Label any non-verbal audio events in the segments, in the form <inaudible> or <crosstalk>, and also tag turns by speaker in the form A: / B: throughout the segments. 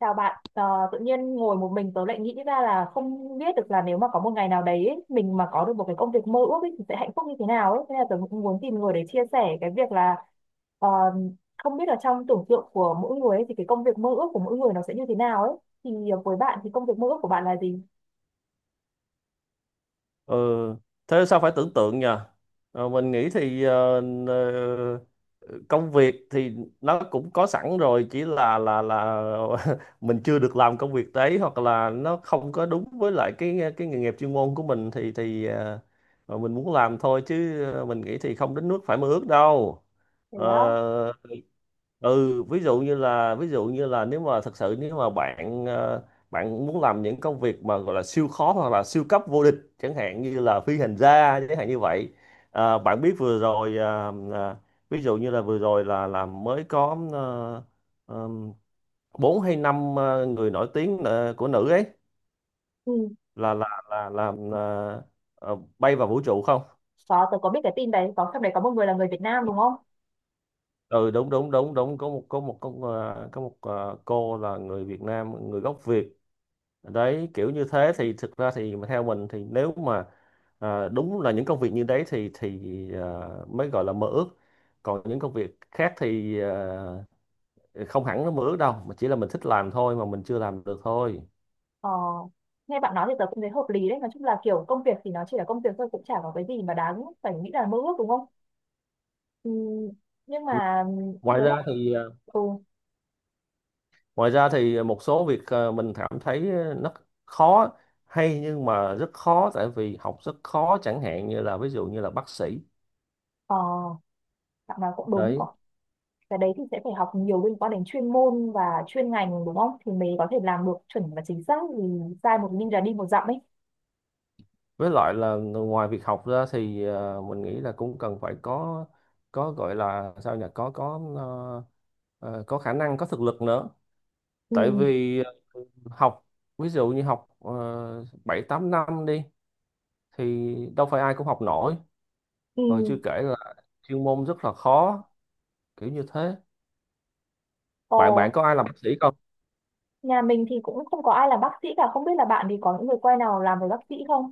A: Chào bạn, tự nhiên ngồi một mình tớ lại nghĩ ra là không biết được là nếu mà có một ngày nào đấy ấy, mình mà có được một cái công việc mơ ước ấy, thì sẽ hạnh phúc như thế nào ấy. Thế là tớ cũng muốn tìm người để chia sẻ cái việc là ờ, không biết là trong tưởng tượng của mỗi người ấy, thì cái công việc mơ ước của mỗi người nó sẽ như thế nào ấy. Thì với bạn thì công việc mơ ước của bạn là gì?
B: Ừ, thế sao phải tưởng tượng nhờ? Mình nghĩ thì ờ, công việc thì nó cũng có sẵn rồi, chỉ là <laughs> mình chưa được làm công việc đấy, hoặc là nó không có đúng với lại cái nghề nghiệp chuyên môn của mình thì mà mình muốn làm thôi, chứ mình nghĩ thì không đến nước phải mơ ước đâu.
A: Thế á,
B: Ờ, ừ, ví dụ như là, nếu mà thật sự, nếu mà bạn muốn làm những công việc mà gọi là siêu khó hoặc là siêu cấp vô địch, chẳng hạn như là phi hành gia, chẳng hạn như vậy. Bạn biết vừa rồi, ví dụ như là vừa rồi là mới có ờm, bốn hay năm người nổi tiếng của nữ ấy
A: ừ,
B: là làm, bay vào vũ trụ không?
A: có, tớ có biết cái tin đấy, có trong đấy có một người là người Việt Nam đúng không?
B: Ừ, đúng, đúng, đúng, đúng, có một có một có một ờ, cô là người Việt Nam, người gốc Việt. Đấy, kiểu như thế thì thực ra thì mà theo mình thì, nếu mà, đúng là những công việc như đấy thì à, mới gọi là mơ ước. Còn những công việc khác thì không hẳn nó mơ ước đâu, mà chỉ là mình thích làm thôi mà mình chưa làm được thôi.
A: Ờ, nghe bạn nói thì tớ cũng thấy hợp lý đấy. Nói chung là kiểu công việc thì nó chỉ là công việc thôi, cũng chả có cái gì mà đáng phải nghĩ là mơ ước đúng không? Ừ, nhưng mà
B: ngoài
A: cái lúc
B: ra thì à,
A: ừ,
B: Ngoài ra thì một số việc, mình cảm thấy nó khó, hay nhưng mà rất khó, tại vì học rất khó, chẳng hạn như là, ví dụ như là, bác sĩ
A: ờ, bạn nào cũng đúng cậu,
B: đấy.
A: cái đấy thì sẽ phải học nhiều liên quan đến chuyên môn và chuyên ngành đúng không thì mới có thể làm được chuẩn và chính xác vì sai một linh là đi một dặm ấy.
B: Với lại là, ngoài việc học ra thì mình nghĩ là cũng cần phải có gọi là sao nhỉ, có khả năng, có thực lực nữa.
A: Ừ,
B: Tại vì, học, ví dụ như học, 7 8 năm đi, thì đâu phải ai cũng học nổi.
A: ừ.
B: Rồi chưa kể là chuyên môn rất là khó, kiểu như thế.
A: Ồ,
B: Bạn bạn có ai làm bác sĩ không?
A: nhà mình thì cũng không có ai làm bác sĩ cả, không biết là bạn thì có những người quen nào làm về bác sĩ không?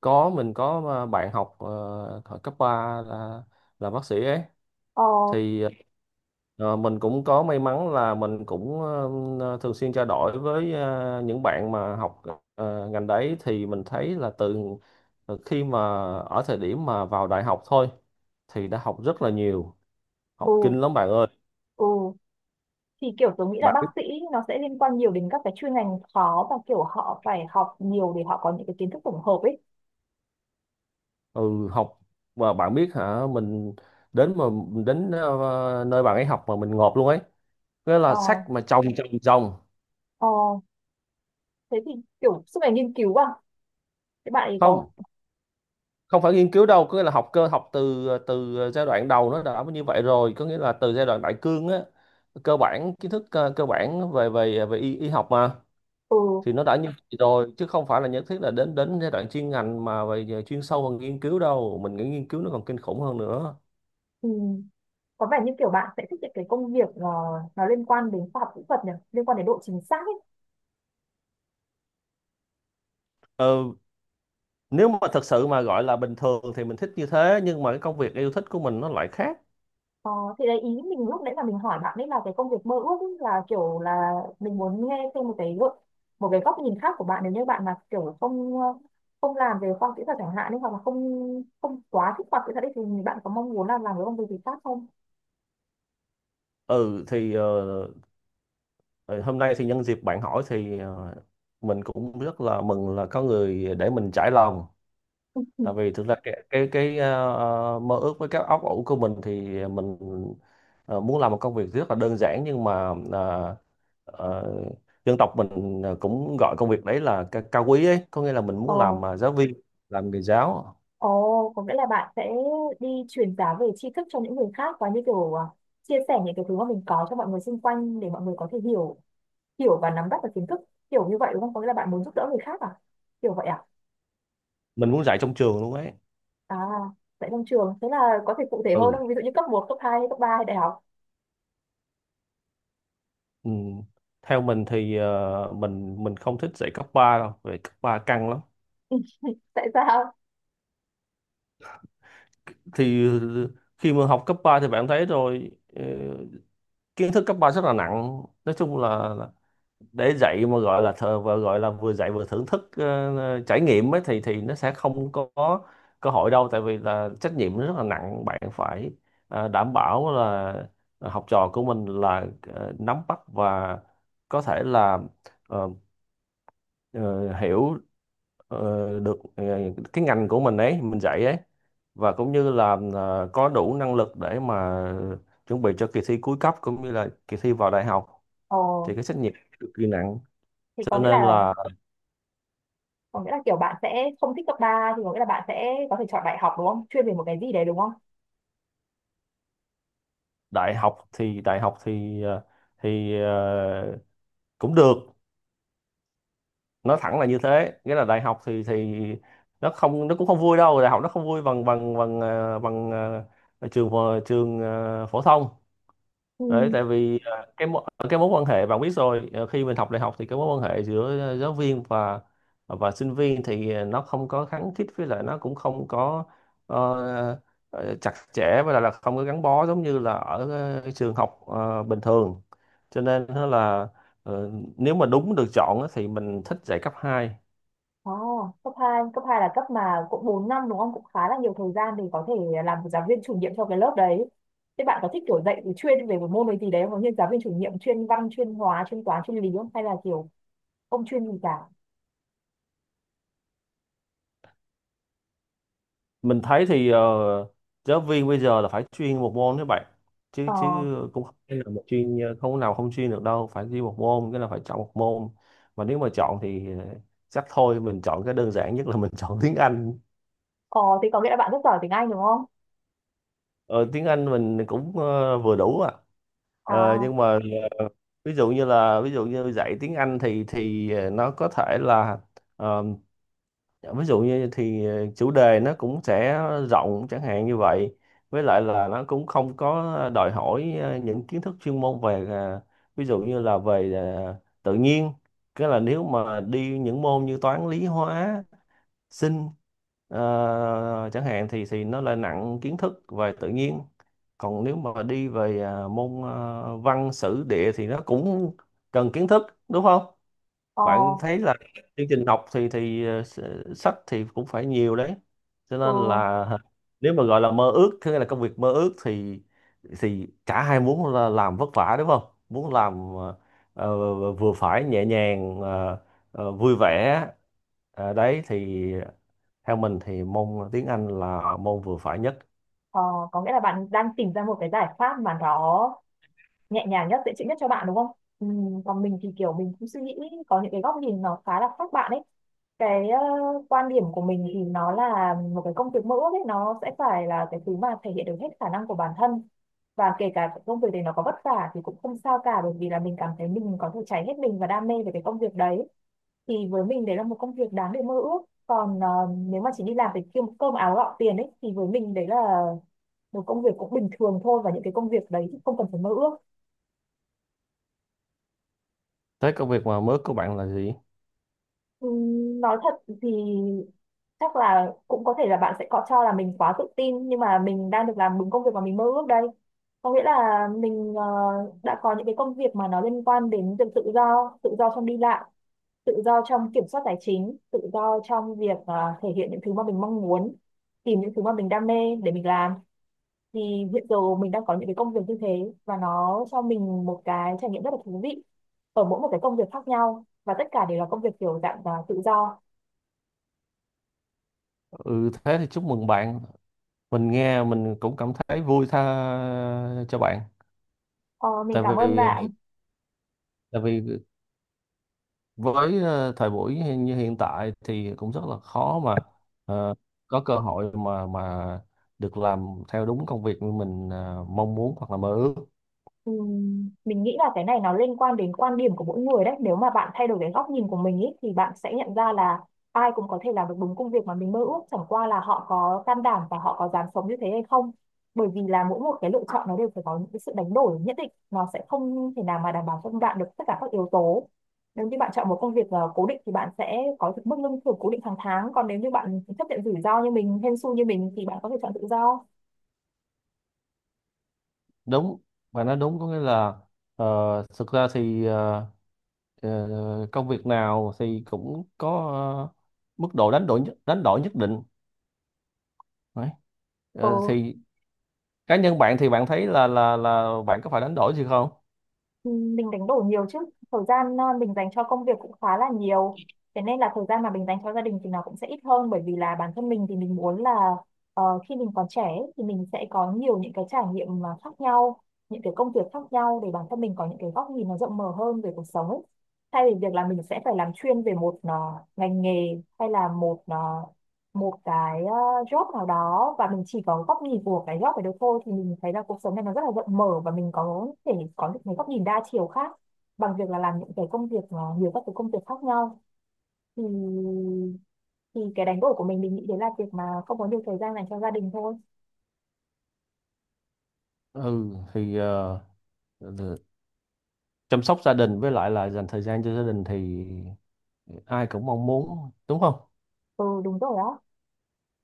B: Có, mình có bạn học thời cấp 3 là bác sĩ ấy.
A: Ờ,
B: thì mình cũng có may mắn là mình cũng thường xuyên trao đổi với những bạn mà học ngành đấy, thì mình thấy là, từ từ khi mà, ở thời điểm mà vào đại học thôi, thì đã học rất là nhiều. Học
A: ừ,
B: kinh lắm bạn ơi.
A: ừ, thì kiểu tôi nghĩ là
B: Bạn
A: bác
B: biết,
A: sĩ nó sẽ liên quan nhiều đến các cái chuyên ngành khó và kiểu họ phải học nhiều để họ có những cái kiến thức tổng hợp ấy.
B: ừ, học mà, bạn biết hả, mình, đến mà đến nơi bạn ấy học mà mình ngộp luôn ấy, nghĩa
A: Ờ,
B: là sách mà chồng chồng chồng.
A: ờ, thế thì kiểu suốt ngày nghiên cứu à? Thế bạn ấy có,
B: Không, không phải nghiên cứu đâu, có nghĩa là học cơ, học từ từ giai đoạn đầu nó đã như vậy rồi, có nghĩa là từ giai đoạn đại cương á, cơ bản, kiến thức cơ bản về về về y, học mà,
A: ừ,
B: thì nó đã như vậy rồi, chứ không phải là nhất thiết là đến đến giai đoạn chuyên ngành mà về về chuyên sâu hơn, nghiên cứu đâu. Mình nghĩ nghiên cứu nó còn kinh khủng hơn nữa.
A: thì có vẻ như kiểu bạn sẽ thích những cái công việc nó liên quan đến khoa học kỹ thuật nhỉ, liên quan đến độ chính xác ấy.
B: ờ, Nếu mà thật sự mà gọi là bình thường thì mình thích như thế, nhưng mà cái công việc yêu thích của mình nó lại khác.
A: Ờ, thì đấy ý mình lúc nãy là mình hỏi bạn ấy là cái công việc mơ ước ấy, là kiểu là mình muốn nghe thêm một cái gợi- một cái góc nhìn khác của bạn nếu như bạn mà kiểu không làm về khoa học kỹ thuật chẳng hạn ấy, hoặc là không không quá thích khoa học kỹ thuật ấy, thì bạn có mong muốn là làm cái công việc gì khác không?
B: Ừ thì, ờ, hôm nay thì nhân dịp bạn hỏi thì mình cũng rất là mừng là có người để mình trải lòng. Tại
A: <laughs>
B: vì thực ra cái mơ ước với các óc ủ của mình thì, mình muốn làm một công việc rất là đơn giản, nhưng mà, ờ, dân tộc mình cũng gọi công việc đấy là, cao quý ấy, có nghĩa là mình
A: Ờ.
B: muốn làm giáo viên, làm nghề giáo.
A: Ồ, có nghĩa là bạn sẽ đi truyền giáo về tri thức cho những người khác và như kiểu à, chia sẻ những cái thứ mà mình có cho mọi người xung quanh để mọi người có thể hiểu, hiểu và nắm bắt được kiến thức kiểu như vậy đúng không? Có nghĩa là bạn muốn giúp đỡ người khác à? Kiểu vậy à?
B: Mình muốn dạy trong trường luôn ấy.
A: À, tại trong trường thế là có thể cụ thể hơn
B: Ừ,
A: không? Ví dụ như cấp một, cấp hai, cấp 3 hay đại học.
B: ừ, theo mình thì, mình không thích dạy cấp 3 đâu, vì cấp 3 căng lắm.
A: <laughs> Tại sao?
B: Thì khi mà học cấp 3 thì bạn thấy rồi, ờ, kiến thức cấp 3 rất là nặng, nói chung là, để dạy mà gọi là thờ và gọi là vừa dạy vừa thưởng thức, trải nghiệm ấy, thì nó sẽ không có cơ hội đâu, tại vì là trách nhiệm nó rất là nặng, bạn phải đảm bảo là học trò của mình là nắm bắt và có thể là ờ, ờ, hiểu ờ, được cái ngành của mình ấy, mình dạy ấy, và cũng như là có đủ năng lực để mà chuẩn bị cho kỳ thi cuối cấp, cũng như là kỳ thi vào đại học,
A: Ồ,
B: thì cái trách nhiệm cực kỳ nặng,
A: thì
B: cho
A: có nghĩa
B: nên
A: là
B: là,
A: có nghĩa là kiểu bạn sẽ không thích cấp ba, thì có nghĩa là bạn sẽ có thể chọn đại học đúng không? Chuyên về một cái gì đấy đúng không?
B: đại học thì thì ờ, cũng được, nói thẳng là như thế, nghĩa là đại học thì nó cũng không vui đâu, đại học nó không vui bằng bằng bằng ờ, trường phổ thông.
A: Ừ.
B: Đấy, tại vì, cái mối quan hệ, bạn biết rồi, à, khi mình học đại học thì cái mối quan hệ giữa, giáo viên và sinh viên thì, nó không có khăng khít, với lại nó cũng không có, ờ, chặt chẽ, với lại là không có gắn bó giống như là ở cái trường học bình thường, cho nên ờ, nếu mà đúng được chọn á, thì mình thích dạy cấp hai.
A: Oh, cấp hai, cấp 2 là cấp mà cũng 4 năm đúng không? Cũng khá là nhiều thời gian để có thể làm giáo viên chủ nhiệm cho cái lớp đấy. Thế bạn có thích kiểu dạy thì chuyên về một môn ấy gì đấy không? Như giáo viên chủ nhiệm chuyên văn, chuyên hóa, chuyên toán, chuyên lý không? Hay là kiểu không chuyên gì cả?
B: Mình thấy thì, giáo viên bây giờ là phải chuyên một môn các bạn, chứ
A: Ờ,
B: chứ cũng không phải là không có nào không chuyên được đâu, phải chuyên một môn, cái là phải chọn một môn. Mà nếu mà chọn thì chắc thôi, mình chọn cái đơn giản nhất, là mình <laughs> chọn tiếng Anh.
A: ờ, thì có nghĩa là bạn rất giỏi tiếng Anh đúng không?
B: Ờ, Tiếng Anh mình cũng vừa đủ à.
A: À,
B: Nhưng mà, ờ, ví dụ như là, ví dụ như dạy tiếng Anh thì nó có thể là, dạ, ví dụ như chủ đề nó cũng sẽ rộng, chẳng hạn như vậy, với lại là nó cũng không có đòi hỏi những kiến thức chuyên môn về, ví dụ như là về tự nhiên. Cái là nếu mà đi những môn như toán lý hóa sinh chẳng hạn, thì nó lại nặng kiến thức về tự nhiên. Còn nếu mà đi về môn văn sử địa thì nó cũng cần kiến thức, đúng không?
A: ờ,
B: Bạn thấy là chương trình học thì sách thì cũng phải nhiều đấy, cho
A: ừ,
B: nên là nếu mà gọi là mơ ước, có nghĩa là công việc mơ ước, thì cả hai muốn là làm vất vả, đúng không? Muốn làm, ờ, vừa phải nhẹ nhàng, vui vẻ. Đấy thì, theo mình thì môn tiếng Anh là môn vừa phải nhất.
A: ờ, có nghĩa là bạn đang tìm ra một cái giải pháp mà nó nhẹ nhàng nhất, dễ chịu nhất cho bạn đúng không? Ừ, còn mình thì kiểu mình cũng suy nghĩ có những cái góc nhìn nó khá là khác bạn ấy. Cái quan điểm của mình thì nó là một cái công việc mơ ước ấy, nó sẽ phải là cái thứ mà thể hiện được hết khả năng của bản thân, và kể cả cái công việc đấy nó có vất vả thì cũng không sao cả bởi vì là mình cảm thấy mình có thể cháy hết mình và đam mê về cái công việc đấy. Thì với mình đấy là một công việc đáng để mơ ước. Còn nếu mà chỉ đi làm để kiếm cơm áo gạo tiền ấy thì với mình đấy là một công việc cũng bình thường thôi, và những cái công việc đấy thì không cần phải mơ ước.
B: Thế công việc mà mơ ước của bạn là gì?
A: Nói thật thì chắc là cũng có thể là bạn sẽ có cho là mình quá tự tin nhưng mà mình đang được làm đúng công việc mà mình mơ ước đây. Có nghĩa là mình đã có những cái công việc mà nó liên quan đến việc tự do trong đi lại, tự do trong kiểm soát tài chính, tự do trong việc thể hiện những thứ mà mình mong muốn, tìm những thứ mà mình đam mê để mình làm. Thì hiện giờ mình đang có những cái công việc như thế và nó cho mình một cái trải nghiệm rất là thú vị ở mỗi một cái công việc khác nhau, và tất cả đều là công việc kiểu dạng tự do.
B: Ừ, thế thì chúc mừng bạn, mình nghe mình cũng cảm thấy vui, tha cho bạn.
A: Ờ, mình
B: tại
A: cảm ơn
B: vì
A: bạn.
B: tại vì với thời buổi như hiện tại thì cũng rất là khó mà ờ, có cơ hội mà được làm theo đúng công việc như mình mong muốn hoặc là mơ ước.
A: Mình nghĩ là cái này nó liên quan đến quan điểm của mỗi người đấy. Nếu mà bạn thay đổi cái góc nhìn của mình ý, thì bạn sẽ nhận ra là ai cũng có thể làm được đúng công việc mà mình mơ ước. Chẳng qua là họ có can đảm và họ có dám sống như thế hay không. Bởi vì là mỗi một cái lựa chọn nó đều phải có những cái sự đánh đổi nhất định. Nó sẽ không thể nào mà đảm bảo cho bạn được tất cả các yếu tố. Nếu như bạn chọn một công việc cố định thì bạn sẽ có được mức lương thưởng cố định hàng tháng. Còn nếu như bạn chấp nhận rủi ro như mình, hên xui như mình thì bạn có thể chọn tự do.
B: Đúng, và nói đúng, có nghĩa là, ờ, thực ra thì công việc nào thì cũng có ờ, mức độ đánh đổi nhất định. Đấy.
A: Ừ,
B: Thì cá nhân bạn thì bạn thấy là bạn có phải đánh đổi gì không?
A: Ừ, mình đánh đổi nhiều chứ. Thời gian mình dành cho công việc cũng khá là nhiều, thế nên là thời gian mà mình dành cho gia đình thì nó cũng sẽ ít hơn bởi vì là bản thân mình thì mình muốn là khi mình còn trẻ ấy, thì mình sẽ có nhiều những cái trải nghiệm mà khác nhau, những cái công việc khác nhau để bản thân mình có những cái góc nhìn nó rộng mở hơn về cuộc sống ấy, thay vì việc là mình sẽ phải làm chuyên về một ngành nghề, hay là một cái job nào đó và mình chỉ có góc nhìn của cái job ấy được thôi. Thì mình thấy là cuộc sống này nó rất là rộng mở và mình có thể có được mấy góc nhìn đa chiều khác bằng việc là làm những cái công việc nhiều các cái công việc khác nhau. Thì thì cái đánh đổi của mình nghĩ đấy là việc mà không có nhiều thời gian dành cho gia đình thôi.
B: Ừ thì, chăm sóc gia đình với lại là dành thời gian cho gia đình thì ai cũng mong muốn, đúng không?
A: Ừ, đúng rồi á.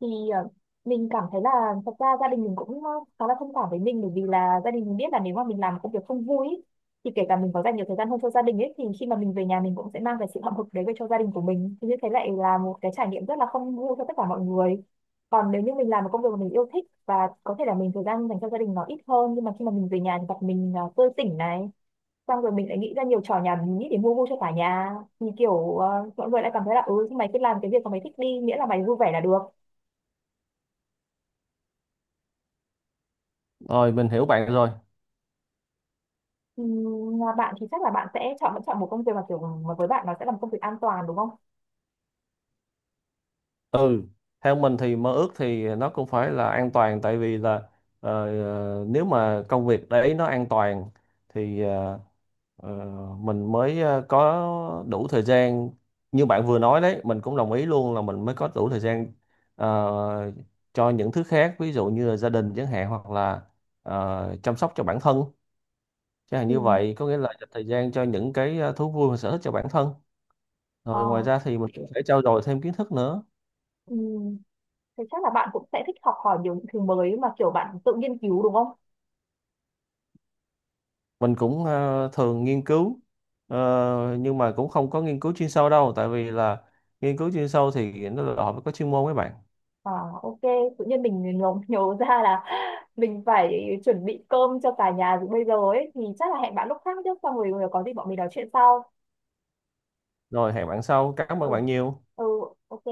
A: Thì mình cảm thấy là thật ra gia đình mình cũng khá là thông cảm với mình bởi vì là gia đình mình biết là nếu mà mình làm một công việc không vui ý, thì kể cả mình có dành nhiều thời gian hơn cho gia đình ấy thì khi mà mình về nhà mình cũng sẽ mang cái sự hậm hực đấy về cho gia đình của mình, thì như thế lại là một cái trải nghiệm rất là không vui cho tất cả mọi người. Còn nếu như mình làm một công việc mà mình yêu thích và có thể là mình thời gian dành cho gia đình nó ít hơn nhưng mà khi mà mình về nhà thì gặp mình tươi tỉnh này, xong rồi mình lại nghĩ ra nhiều trò nhảm nhí để mua vui cho cả nhà, thì kiểu mọi người lại cảm thấy là ừ, mày cứ làm cái việc mà mày thích đi miễn là mày vui vẻ là được.
B: Rồi mình hiểu bạn rồi.
A: Ừ, mà bạn thì chắc là bạn sẽ chọn vẫn chọn một công việc mà kiểu mà với bạn nó sẽ là một công việc an toàn đúng không?
B: Ừ, theo mình thì mơ ước thì nó cũng phải là an toàn, tại vì là, ờ, nếu mà công việc đấy nó an toàn thì ờ, mình mới có đủ thời gian, như bạn vừa nói đấy, mình cũng đồng ý luôn là mình mới có đủ thời gian ờ, cho những thứ khác, ví dụ như là gia đình chẳng hạn, hoặc là chăm sóc cho bản thân. Chắc là
A: Ừ.
B: như vậy, có nghĩa là dành thời gian cho những cái thú vui và sở thích cho bản thân.
A: Ờ.
B: Rồi ngoài ra thì mình cũng phải trau dồi thêm kiến thức nữa.
A: Ừ. Thì chắc là bạn cũng sẽ thích học hỏi nhiều những thứ mới mà kiểu bạn tự nghiên cứu đúng không?
B: Mình cũng thường nghiên cứu, nhưng mà cũng không có nghiên cứu chuyên sâu đâu. Tại vì là nghiên cứu chuyên sâu thì nó đòi hỏi phải có chuyên môn với bạn.
A: À, ok, tự nhiên mình nhớ, ra là <laughs> mình phải chuẩn bị cơm cho cả nhà từ bây giờ ấy thì chắc là hẹn bạn lúc khác chứ, xong rồi có gì bọn mình nói chuyện sau.
B: Rồi, hẹn bạn sau. Cảm
A: Ừ.
B: ơn bạn nhiều.
A: Ừ, ok.